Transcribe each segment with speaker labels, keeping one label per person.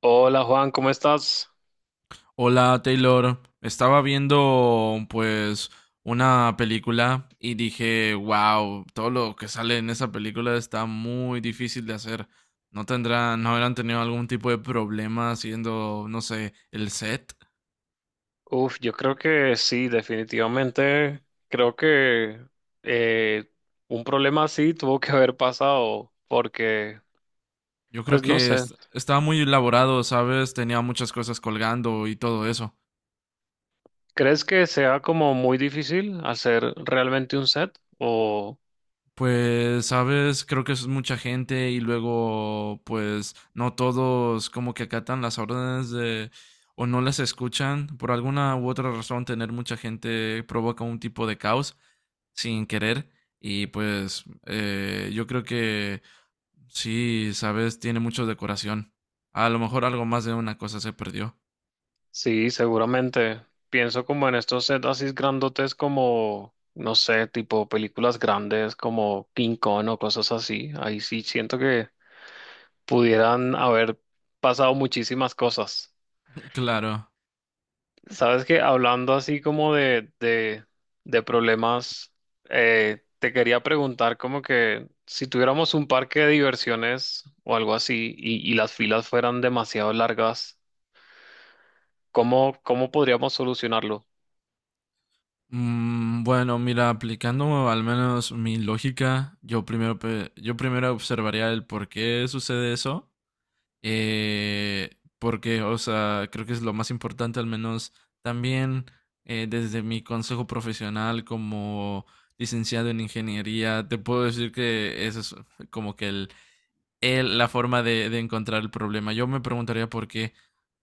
Speaker 1: Hola Juan, ¿cómo estás?
Speaker 2: Hola Taylor, estaba viendo pues una película y dije, wow, todo lo que sale en esa película está muy difícil de hacer. ¿No tendrán, no habrán tenido algún tipo de problema haciendo, no sé, el set?
Speaker 1: Uf, yo creo que sí, definitivamente. Creo que eh, un problema así tuvo que haber pasado porque,
Speaker 2: Yo creo
Speaker 1: pues no
Speaker 2: que
Speaker 1: sé,
Speaker 2: estaba muy elaborado, ¿sabes? Tenía muchas cosas colgando y todo eso.
Speaker 1: ¿crees que sea como muy difícil hacer realmente un set? O
Speaker 2: Pues, sabes, creo que es mucha gente y luego, pues, no todos como que acatan las órdenes de o no las escuchan. Por alguna u otra razón, tener mucha gente provoca un tipo de caos sin querer. Y pues, yo creo que sí, sabes, tiene mucho decoración. A lo mejor algo más de una cosa se perdió.
Speaker 1: sí, seguramente. Pienso como en estos sets así grandotes como, no sé, tipo películas grandes como King Kong o cosas así. Ahí sí siento que pudieran haber pasado muchísimas cosas.
Speaker 2: Claro.
Speaker 1: Sabes que hablando así como de problemas, te quería preguntar como que si tuviéramos un parque de diversiones o algo así y las filas fueran demasiado largas, ¿cómo, cómo podríamos solucionarlo?
Speaker 2: Mm, bueno, mira, aplicando al menos mi lógica, yo primero, yo primero observaría el por qué sucede eso. eh, Porque, o sea, creo que es lo más importante, al menos también desde mi consejo profesional como licenciado en ingeniería, te puedo decir que ese es como que la forma de encontrar el problema. Yo me preguntaría por qué.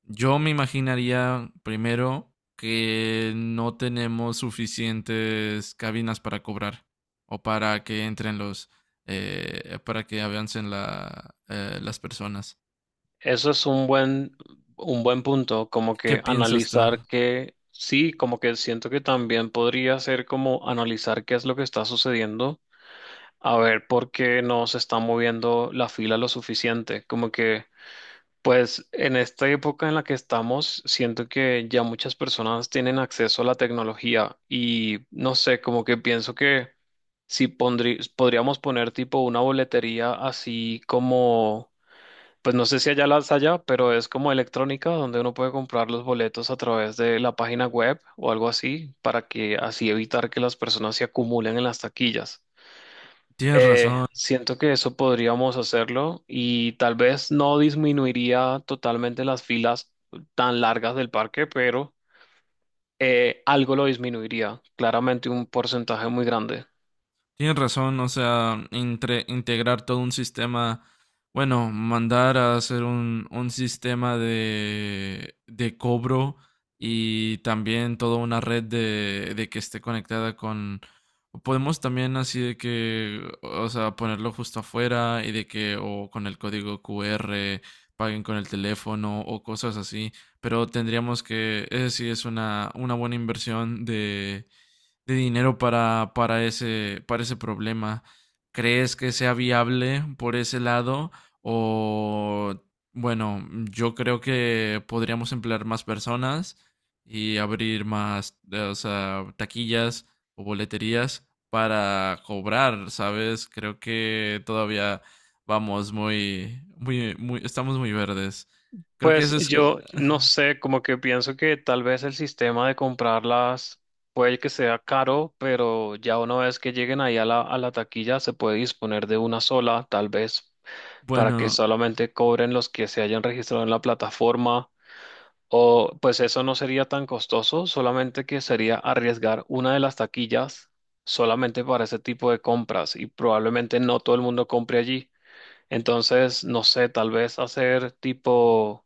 Speaker 2: Yo me imaginaría primero que no tenemos suficientes cabinas para cobrar o para que entren los, para que avancen la, las personas.
Speaker 1: Eso es un buen punto, como
Speaker 2: ¿Qué
Speaker 1: que
Speaker 2: piensas tú?
Speaker 1: analizar que sí, como que siento que también podría ser como analizar qué es lo que está sucediendo, a ver por qué no se está moviendo la fila lo suficiente, como que... Pues en esta época en la que estamos, siento que ya muchas personas tienen acceso a la tecnología y no sé, como que pienso que si podríamos poner tipo una boletería así como, pues no sé si allá las allá, pero es como electrónica donde uno puede comprar los boletos a través de la página web o algo así para que así evitar que las personas se acumulen en las taquillas.
Speaker 2: Tienes razón.
Speaker 1: Siento que eso podríamos hacerlo y tal vez no disminuiría totalmente las filas tan largas del parque, pero algo lo disminuiría, claramente un porcentaje muy grande.
Speaker 2: Tienes razón, o sea, entre, integrar todo un sistema, bueno, mandar a hacer un sistema de cobro y también toda una red de que esté conectada con... Podemos también así de que, o sea, ponerlo justo afuera y de que o con el código QR paguen con el teléfono o cosas así, pero tendríamos que, ese sí es una buena inversión de dinero para ese problema. ¿Crees que sea viable por ese lado? O, bueno, yo creo que podríamos emplear más personas y abrir más, o sea, taquillas o boleterías para cobrar, ¿sabes? Creo que todavía vamos muy, muy, muy, estamos muy verdes. Creo que
Speaker 1: Pues
Speaker 2: eso es,
Speaker 1: yo no sé, como que pienso que tal vez el sistema de comprarlas puede que sea caro, pero ya una vez que lleguen ahí a la taquilla se puede disponer de una sola, tal vez, para que
Speaker 2: bueno,
Speaker 1: solamente cobren los que se hayan registrado en la plataforma. O pues eso no sería tan costoso, solamente que sería arriesgar una de las taquillas solamente para ese tipo de compras y probablemente no todo el mundo compre allí. Entonces, no sé, tal vez hacer tipo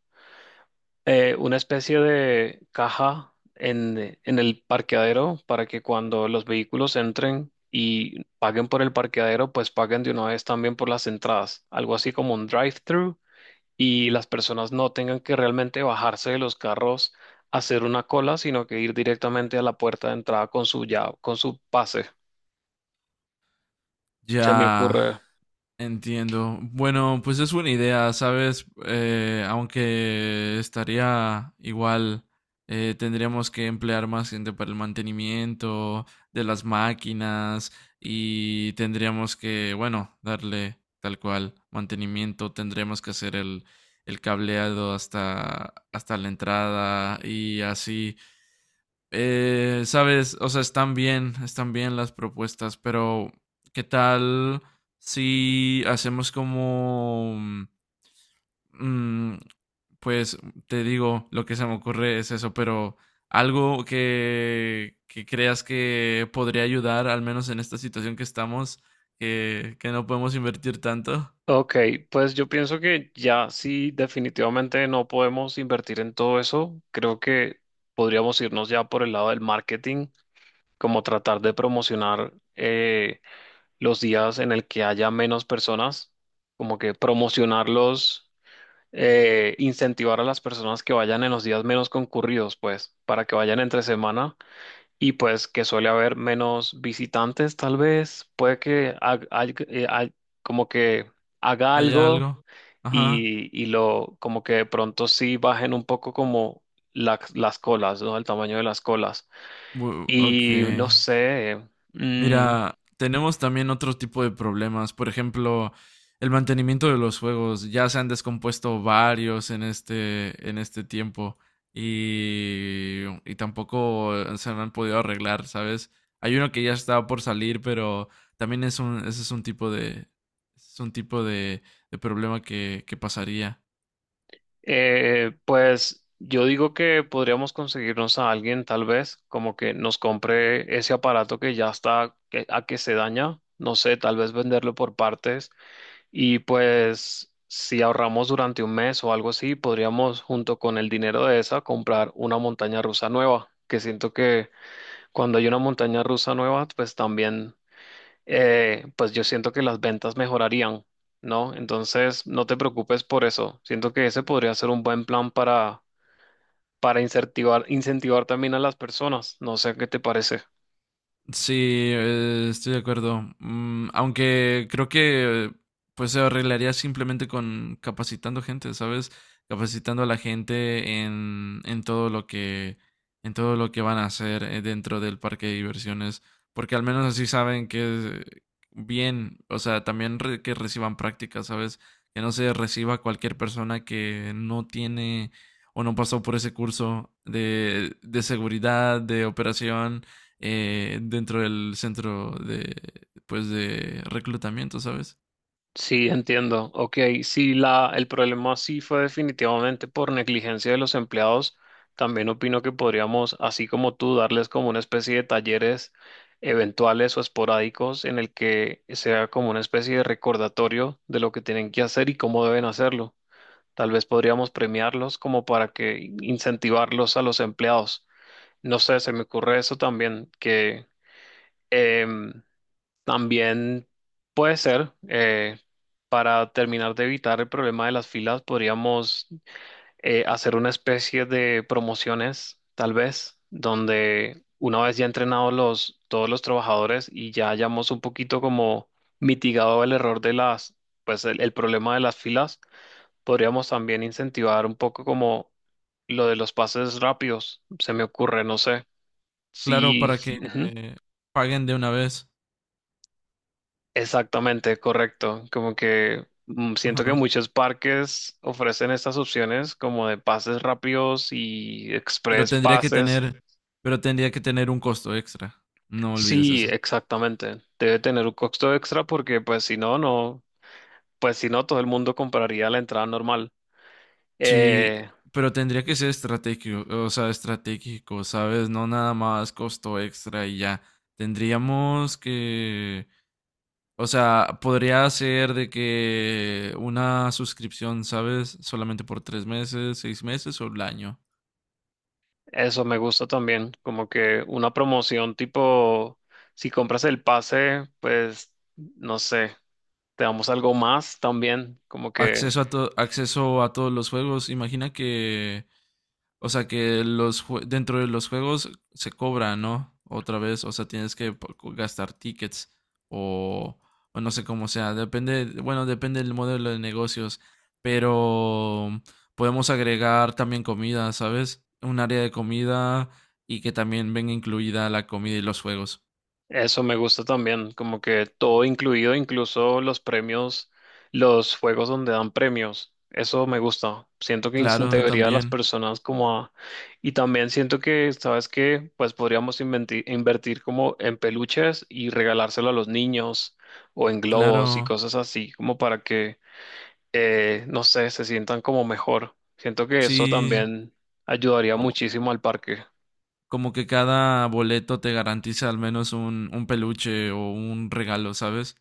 Speaker 1: una especie de caja en el parqueadero para que cuando los vehículos entren y paguen por el parqueadero, pues paguen de una vez también por las entradas. Algo así como un drive-thru y las personas no tengan que realmente bajarse de los carros, hacer una cola, sino que ir directamente a la puerta de entrada con su ya, con su pase. Se me
Speaker 2: ya.
Speaker 1: ocurre.
Speaker 2: Entiendo. Bueno, pues es buena idea, ¿sabes? Aunque estaría igual, tendríamos que emplear más gente para el mantenimiento de las máquinas y tendríamos que, bueno, darle tal cual mantenimiento, tendríamos que hacer el cableado hasta, hasta la entrada y así. Sabes, o sea, están bien las propuestas, pero ¿qué tal si hacemos como... mm, pues te digo, lo que se me ocurre es eso, pero algo que creas que podría ayudar, al menos en esta situación que estamos, que no podemos invertir tanto.
Speaker 1: Ok, pues yo pienso que ya sí, definitivamente no podemos invertir en todo eso. Creo que podríamos irnos ya por el lado del marketing, como tratar de promocionar los días en el que haya menos personas, como que promocionarlos, incentivar a las personas que vayan en los días menos concurridos, pues, para que vayan entre semana y pues que suele haber menos visitantes, tal vez, puede que como que haga
Speaker 2: ¿Hay
Speaker 1: algo
Speaker 2: algo? Ajá.
Speaker 1: y lo, como que de pronto sí bajen un poco como las colas, ¿no? El tamaño de las colas.
Speaker 2: Bu- Ok.
Speaker 1: Y no sé. mm,
Speaker 2: Mira, tenemos también otro tipo de problemas. Por ejemplo, el mantenimiento de los juegos. Ya se han descompuesto varios en este tiempo. Y tampoco se han podido arreglar, ¿sabes? Hay uno que ya estaba por salir, pero también es un, ese es un tipo de, es un tipo de problema que pasaría.
Speaker 1: Pues yo digo que podríamos conseguirnos a alguien, tal vez, como que nos compre ese aparato que ya está a que se daña, no sé, tal vez venderlo por partes y pues si ahorramos durante un mes o algo así, podríamos junto con el dinero de esa comprar una montaña rusa nueva, que siento que cuando hay una montaña rusa nueva, pues también pues yo siento que las ventas mejorarían, ¿no? Entonces, no te preocupes por eso. Siento que ese podría ser un buen plan para incentivar, incentivar también a las personas. No sé qué te parece.
Speaker 2: Sí, estoy de acuerdo. Mm, aunque creo que pues se arreglaría simplemente con capacitando gente, ¿sabes? Capacitando a la gente en todo lo que en todo lo que van a hacer dentro del parque de diversiones, porque al menos así saben que eh, bien, o sea, también que reciban prácticas, ¿sabes? Que no se reciba cualquier persona que no tiene o no pasó por ese curso de seguridad, de operación dentro del centro de, pues, de reclutamiento, ¿sabes?
Speaker 1: Sí, entiendo. Ok, si la, el problema sí fue definitivamente por negligencia de los empleados, también opino que podríamos, así como tú, darles como una especie de talleres eventuales o esporádicos en el que sea como una especie de recordatorio de lo que tienen que hacer y cómo deben hacerlo. Tal vez podríamos premiarlos como para que incentivarlos a los empleados. No sé, se me ocurre eso también, que em, también puede ser, para terminar de evitar el problema de las filas, podríamos hacer una especie de promociones, tal vez, donde una vez ya entrenados los, todos los trabajadores y ya hayamos un poquito como mitigado el error de las, pues el problema de las filas. Podríamos también incentivar un poco como lo de los pases rápidos, se me ocurre, no sé.
Speaker 2: Claro,
Speaker 1: Sí,
Speaker 2: para que
Speaker 1: ujú,
Speaker 2: eh, paguen de una vez.
Speaker 1: exactamente, correcto. Como que mm, siento que
Speaker 2: Ajá.
Speaker 1: muchos parques ofrecen estas opciones como de pases rápidos y
Speaker 2: Pero
Speaker 1: express
Speaker 2: tendría que
Speaker 1: pases.
Speaker 2: tener, pero tendría que tener un costo extra. No olvides
Speaker 1: Sí,
Speaker 2: eso.
Speaker 1: exactamente. Debe tener un costo extra porque pues si no, no, pues si no, todo el mundo compraría la entrada normal.
Speaker 2: Sí,
Speaker 1: Eh,
Speaker 2: pero tendría que ser estratégico, o sea, estratégico, ¿sabes? No nada más costo extra y ya. Tendríamos que, o sea, podría ser de que una suscripción, ¿sabes? Solamente por 3 meses, 6 meses o el año.
Speaker 1: Eso me gusta también, como que una promoción tipo, si compras el pase, pues, no sé, te damos algo más también, como que...
Speaker 2: Acceso a, acceso a todos los juegos. Imagina que, o sea, que los dentro de los juegos se cobra, ¿no? Otra vez, o sea, tienes que gastar tickets o, o no sé cómo sea. Depende, bueno, depende del modelo de negocios, pero podemos agregar también comida, ¿sabes? Un área de comida y que también venga incluida la comida y los juegos.
Speaker 1: Eso me gusta también, como que todo incluido, incluso los premios, los juegos donde dan premios. Eso me gusta. Siento que
Speaker 2: Claro,
Speaker 1: integraría a las
Speaker 2: también.
Speaker 1: personas como a... Y también siento que, ¿sabes qué? Pues podríamos invertir como en peluches y regalárselo a los niños o en globos y
Speaker 2: Claro.
Speaker 1: cosas así, como para que, no sé, se sientan como mejor. Siento que eso
Speaker 2: Sí.
Speaker 1: también ayudaría muchísimo al parque.
Speaker 2: Como que cada boleto te garantiza al menos un peluche o un regalo, ¿sabes?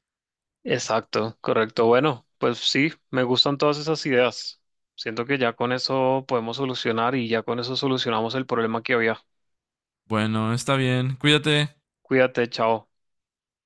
Speaker 1: Exacto, correcto. Bueno, pues sí, me gustan todas esas ideas. Siento que ya con eso podemos solucionar y ya con eso solucionamos el problema que había.
Speaker 2: Bueno, está bien. Cuídate.
Speaker 1: Cuídate, chao.